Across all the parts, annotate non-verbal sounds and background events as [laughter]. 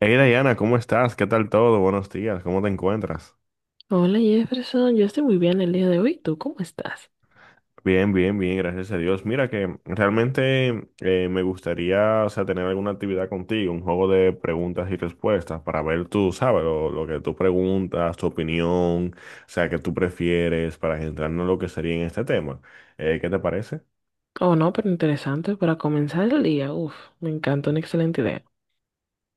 Hey Diana, ¿cómo estás? ¿Qué tal todo? Buenos días, ¿cómo te encuentras? Hola Jefferson, yo estoy muy bien el día de hoy. ¿Tú cómo estás? Bien, bien, bien, gracias a Dios. Mira que realmente me gustaría, o sea, tener alguna actividad contigo, un juego de preguntas y respuestas para ver tú, sabes, lo que tú preguntas, tu opinión, o sea, qué tú prefieres para centrarnos en lo que sería en este tema. ¿qué te parece? Oh no, pero interesante para comenzar el día. Uf, me encanta, una excelente idea.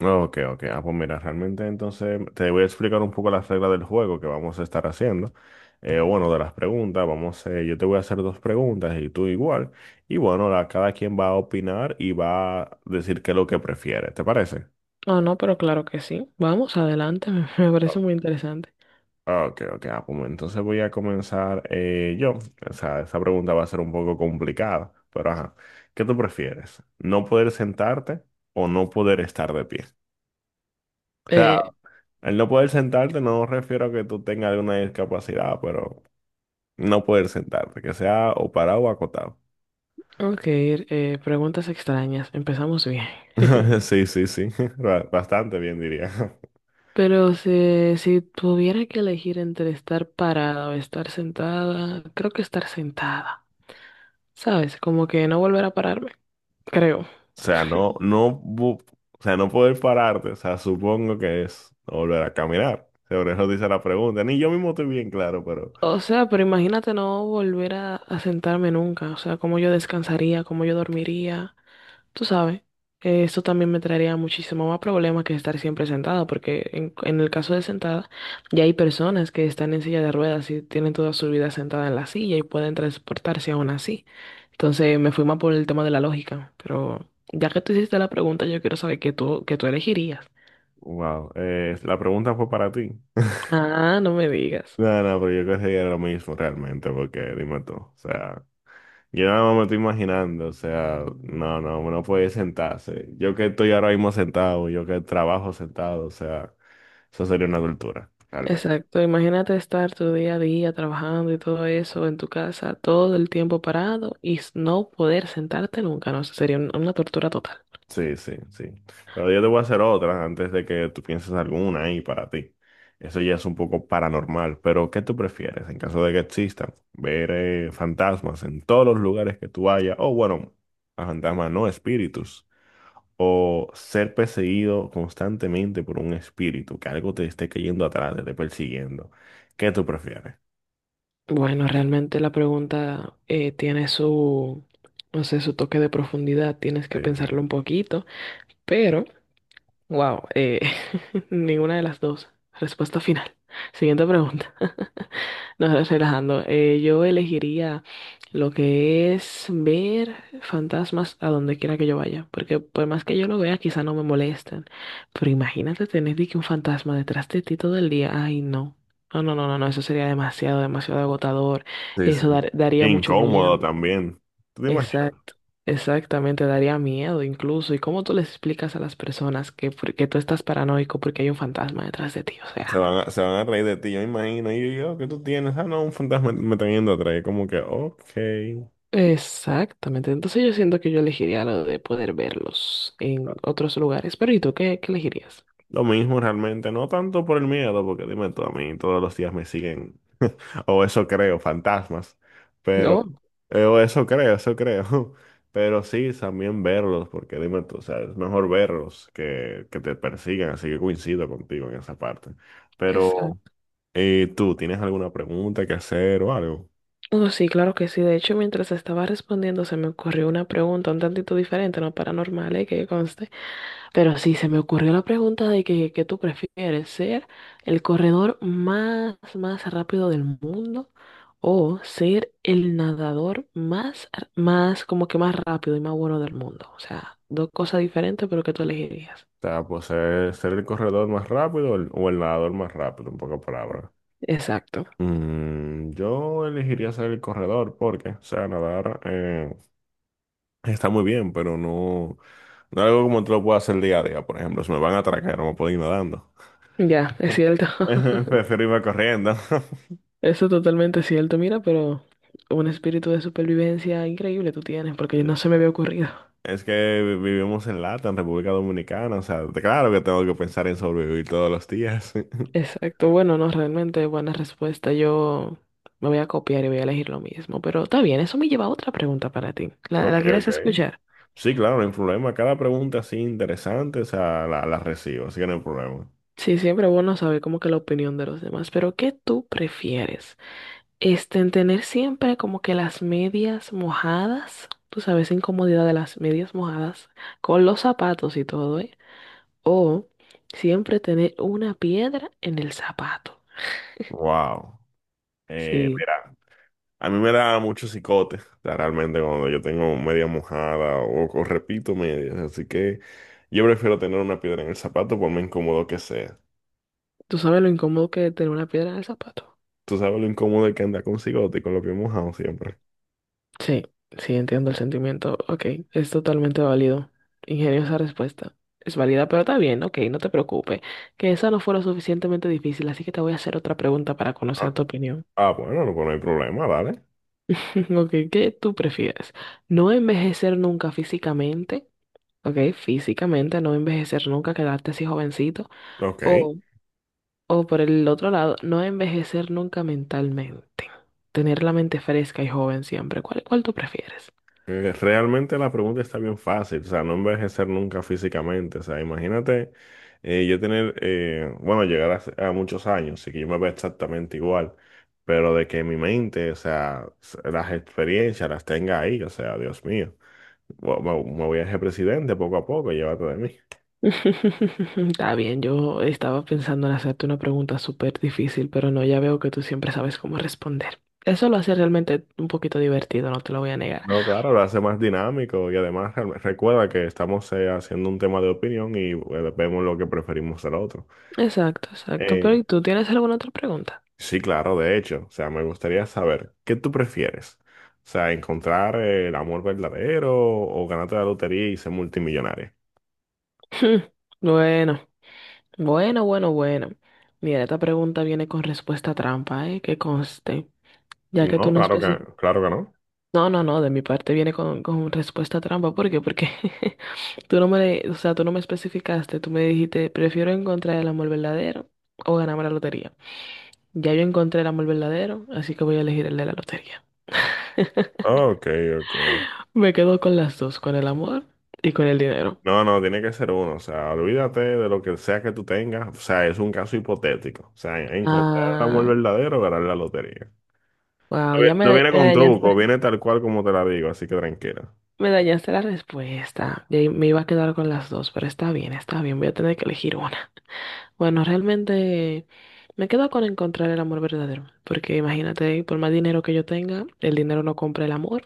Ok, ok. Ah, pues mira, realmente entonces te voy a explicar un poco las reglas del juego que vamos a estar haciendo. Bueno, de las preguntas, vamos, yo te voy a hacer dos preguntas y tú igual. Y bueno, cada quien va a opinar y va a decir qué es lo que prefiere. ¿Te parece? Oh no, pero claro que sí. Vamos, adelante, [laughs] me parece muy interesante. Ah, ok, ok. Ah, pues entonces voy a comenzar yo. O sea, esa pregunta va a ser un poco complicada, pero ajá. ¿Qué tú prefieres? ¿No poder sentarte o no poder estar de pie? Eh, Al no poder sentarte, no refiero a que tú tengas alguna discapacidad, pero no poder sentarte, que sea o parado o acotado. ok, preguntas extrañas. Empezamos bien. [laughs] [laughs] Sí, sí, sí, [laughs] bastante bien diría. [laughs] Pero si tuviera que elegir entre estar parada o estar sentada, creo que estar sentada. ¿Sabes? Como que no volver a pararme, creo. O sea, o sea, no poder pararte, o sea, supongo que es volver a caminar. Sobre eso dice la pregunta. Ni yo mismo estoy bien claro, pero O sea, pero imagínate no volver a sentarme nunca. O sea, cómo yo descansaría, cómo yo dormiría. Tú sabes, eso también me traería muchísimo más problemas que estar siempre sentada, porque en el caso de sentada, ya hay personas que están en silla de ruedas y tienen toda su vida sentada en la silla y pueden transportarse aún así. Entonces me fui más por el tema de la lógica. Pero ya que tú hiciste la pregunta, yo quiero saber qué tú elegirías. wow, la pregunta fue para ti. [laughs] Ah, no me digas. No, no, pero yo creo que sería lo mismo realmente, porque dime tú, o sea. Yo nada más me estoy imaginando, o sea, no, no, uno puede sentarse. Yo que estoy ahora mismo sentado, yo que trabajo sentado, o sea, eso sería una tortura, realmente. Exacto, imagínate estar tu día a día trabajando y todo eso en tu casa, todo el tiempo parado y no poder sentarte nunca, no, eso sería una tortura total. Sí, sí, sí. Pero yo te voy a hacer otra antes de que tú pienses alguna ahí para ti. Eso ya es un poco paranormal, pero ¿qué tú prefieres en caso de que existan? Ver fantasmas en todos los lugares que tú vayas, o bueno, a fantasmas no, espíritus, o ser perseguido constantemente por un espíritu, que algo te esté cayendo atrás, te esté persiguiendo. ¿Qué tú prefieres? Bueno, realmente la pregunta tiene su, no sé, su toque de profundidad, tienes Sí, que sí, pensarlo un poquito, pero, wow, [laughs] ninguna de las dos. Respuesta final. Siguiente pregunta. No, relajando. Yo elegiría lo que es ver fantasmas a donde quiera que yo vaya, porque por más que yo lo vea, quizá no me molestan. Pero imagínate tener de que un fantasma detrás de ti todo el día. Ay, no. No, no, no, no, no, eso sería demasiado, demasiado agotador. sí, sí. Qué Daría mucho incómodo miedo. también. ¿Tú te imaginas? Exacto. Exactamente, daría miedo incluso. ¿Y cómo tú les explicas a las personas que, que tú estás paranoico porque hay un fantasma detrás de ti? O Se sea. van a, se van a reír de ti, yo me imagino. Y yo, ¿qué tú tienes? Ah, no, un fantasma me está yendo atrás. Y como que, ok. Exactamente. Entonces yo siento que yo elegiría lo de poder verlos en otros lugares. Pero ¿y tú qué elegirías? Lo mismo realmente, no tanto por el miedo, porque dime tú, a mí todos los días me siguen, o eso creo, fantasmas. Pero, No, o eso creo, eso creo. [laughs] Pero sí, también verlos, porque dime tú, o sea, es mejor verlos que te persigan, así que coincido contigo en esa parte. Pero, exacto. Tú, ¿tienes alguna pregunta que hacer o algo? Oh, sí, claro que sí. De hecho, mientras estaba respondiendo, se me ocurrió una pregunta un tantito diferente, no paranormal, que conste. Pero sí, se me ocurrió la pregunta de que tú prefieres ser el corredor más rápido del mundo o ser el nadador más, más, como que más rápido y más bueno del mundo. O sea, dos cosas diferentes, pero que tú elegirías. O sea, pues ser el corredor más rápido o el nadador más rápido, en pocas palabras. Exacto. Mm, yo elegiría ser el corredor porque, o sea, nadar, está muy bien, pero no, no es algo como te lo puedo hacer día a día. Por ejemplo, si me van a atracar, no me puedo ir nadando. Ya, es cierto. [laughs] [laughs] Prefiero irme corriendo. [laughs] Eso es totalmente cierto, mira, pero un espíritu de supervivencia increíble tú tienes, porque no se me había ocurrido. Es que vivimos en Lata, en República Dominicana. O sea, claro que tengo que pensar en sobrevivir todos los días. [laughs] [laughs] Exacto, bueno, no, realmente buena respuesta. Yo me voy a copiar y voy a elegir lo mismo, pero está bien, eso me lleva a otra pregunta para ti. ¿La, Ok, la quieres ok. escuchar? Sí, claro, no hay problema. Cada pregunta así interesante, o sea, la recibo, así que no hay problema. Sí, siempre es bueno saber como que la opinión de los demás, pero ¿qué tú prefieres? Este, en tener siempre como que las medias mojadas, tú sabes, incomodidad de las medias mojadas, con los zapatos y todo, ¿eh? O siempre tener una piedra en el zapato. Wow. Eh, Sí, A mí me da mucho cicote, o sea, realmente cuando yo tengo media mojada o repito medias, así que yo prefiero tener una piedra en el zapato por más incómodo que sea. ¿tú sabes lo incómodo que es tener una piedra en el zapato? Tú sabes lo incómodo que anda con cigote y con los pies mojados siempre. Sí, sí, entiendo el sentimiento. Ok, es totalmente válido. Ingeniosa respuesta. Es válida, pero está bien, ok, no te preocupes. Que esa no fue lo suficientemente difícil, así que te voy a hacer otra pregunta para Ah, conocer tu opinión. ah, bueno, no, pues no hay problema, dale. [laughs] Ok, ¿qué tú prefieres? ¿No envejecer nunca físicamente? Ok, físicamente, no envejecer nunca, quedarte así jovencito. Ok. O O por el otro lado, no envejecer nunca mentalmente. Tener la mente fresca y joven siempre. Cuál tú prefieres? Realmente la pregunta está bien fácil, o sea, no envejecer nunca físicamente, o sea, imagínate yo tener, bueno, llegar a, a muchos años, así que yo me veo exactamente igual, pero de que mi mente, o sea, las experiencias las tenga ahí, o sea, Dios mío, me, me voy a ser presidente poco a poco, llévate de mí. [laughs] Está bien, yo estaba pensando en hacerte una pregunta súper difícil, pero no, ya veo que tú siempre sabes cómo responder. Eso lo hace realmente un poquito divertido, no te lo voy a negar. No, claro, lo hace más dinámico y además recuerda que estamos haciendo un tema de opinión y vemos lo que preferimos al otro. Exacto, exacto. Pero ¿y tú tienes alguna otra pregunta? [laughs] Sí, claro, de hecho, o sea, me gustaría saber, ¿qué tú prefieres? O sea, encontrar el amor verdadero o ganarte la lotería y ser multimillonario. Hmm, bueno, bueno, bueno, bueno. Mira, esta pregunta viene con respuesta trampa, ¿eh? Que conste. Ya que No, tú no especificas. claro que no. No, no, no, de mi parte viene con respuesta trampa. ¿Por qué? Porque [laughs] tú no me, o sea, tú no me especificaste, tú me dijiste, prefiero encontrar el amor verdadero o ganarme la lotería. Ya yo encontré el amor verdadero, así que voy a elegir el de la lotería. Ok, ok. Me quedo con las dos, con el amor y con el dinero. No, no, tiene que ser uno, o sea, olvídate de lo que sea que tú tengas, o sea, es un caso hipotético, o sea, encontrar el amor Ah, verdadero o ganar la lotería. wow, No viene con truco, viene tal cual como te la digo, así que tranquila. me dañaste la respuesta. Y ahí me iba a quedar con las dos, pero está bien, voy a tener que elegir una. Bueno, realmente... me quedo con encontrar el amor verdadero, porque imagínate, por más dinero que yo tenga, el dinero no compra el amor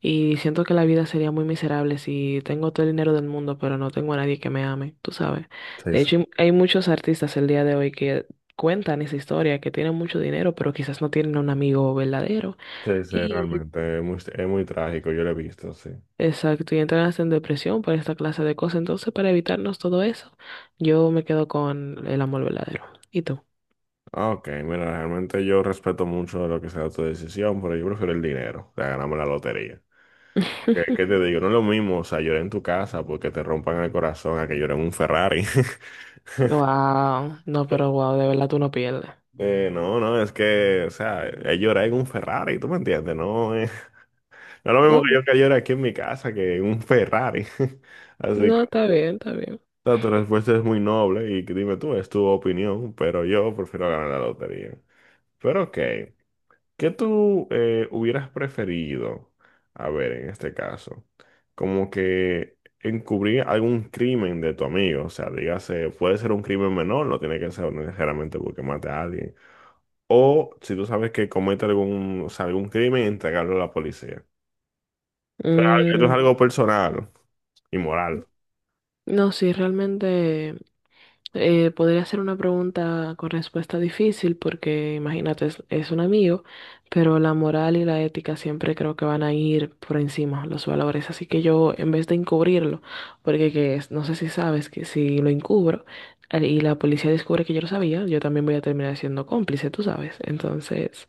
y siento que la vida sería muy miserable si tengo todo el dinero del mundo, pero no tengo a nadie que me ame, tú sabes. Sí, De sí. hecho, hay muchos artistas el día de hoy que cuentan esa historia, que tienen mucho dinero, pero quizás no tienen un amigo verdadero. Sí, sí, Y realmente, es muy trágico, yo lo he visto, sí. exacto, y entran en depresión por esta clase de cosas. Entonces, para evitarnos todo eso, yo me quedo con el amor verdadero. ¿Y tú? Ah, ok, mira, realmente yo respeto mucho lo que sea tu decisión, pero yo prefiero el dinero, o sea, ganarme la lotería. Porque, ¿qué te [laughs] digo? No es lo mismo, o sea, llorar en tu casa porque te rompan el corazón a que llore en un Ferrari. [laughs] Wow, no, pero wow, de verdad tú no pierdes. No, no, es que, o sea, es llorar en un Ferrari, ¿tú me entiendes? No, no es lo mismo que No, yo que llore aquí en mi casa que en un Ferrari. [laughs] Así que, no, está bien, está bien. o sea, tu respuesta es muy noble y dime tú, es tu opinión, pero yo prefiero ganar la lotería. Pero ok. ¿Qué tú hubieras preferido? A ver, en este caso, como que encubrir algún crimen de tu amigo, o sea, dígase, puede ser un crimen menor, no tiene que ser necesariamente porque mate a alguien, o si tú sabes que comete algún, o sea, algún crimen, entregarlo a la policía. Esto es Mm, algo personal y moral. no, sí, realmente podría ser una pregunta con respuesta difícil porque imagínate, es un amigo, pero la moral y la ética siempre creo que van a ir por encima, los valores. Así que yo, en vez de encubrirlo, porque no sé si sabes que si lo encubro y la policía descubre que yo lo sabía, yo también voy a terminar siendo cómplice, tú sabes. Entonces...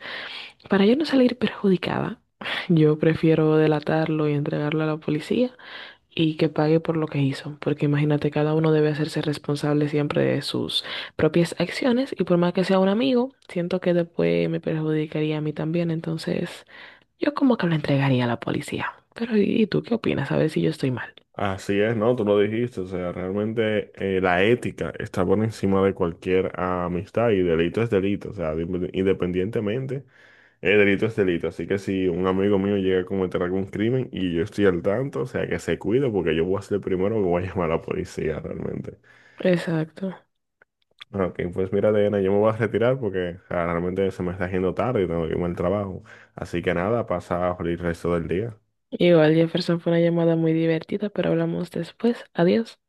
para yo no salir perjudicada, [laughs] yo prefiero delatarlo y entregarlo a la policía y que pague por lo que hizo, porque imagínate, cada uno debe hacerse responsable siempre de sus propias acciones y por más que sea un amigo, siento que después me perjudicaría a mí también, entonces yo como que lo entregaría a la policía. Pero y tú qué opinas? A ver si yo estoy mal. Así es, ¿no? Tú lo dijiste, o sea, realmente la ética está por encima de cualquier amistad y delito es delito, o sea, independientemente. El delito es delito, así que si un amigo mío llega a cometer algún crimen y yo estoy al tanto, o sea, que se cuide porque yo voy a ser el primero que voy a llamar a la policía realmente. Exacto. Ah, ok, pues mira, Diana, yo me voy a retirar porque o sea, realmente se me está haciendo tarde y tengo que irme al trabajo. Así que nada, pasa el resto del día. Igual Jefferson fue una llamada muy divertida, pero hablamos después. Adiós.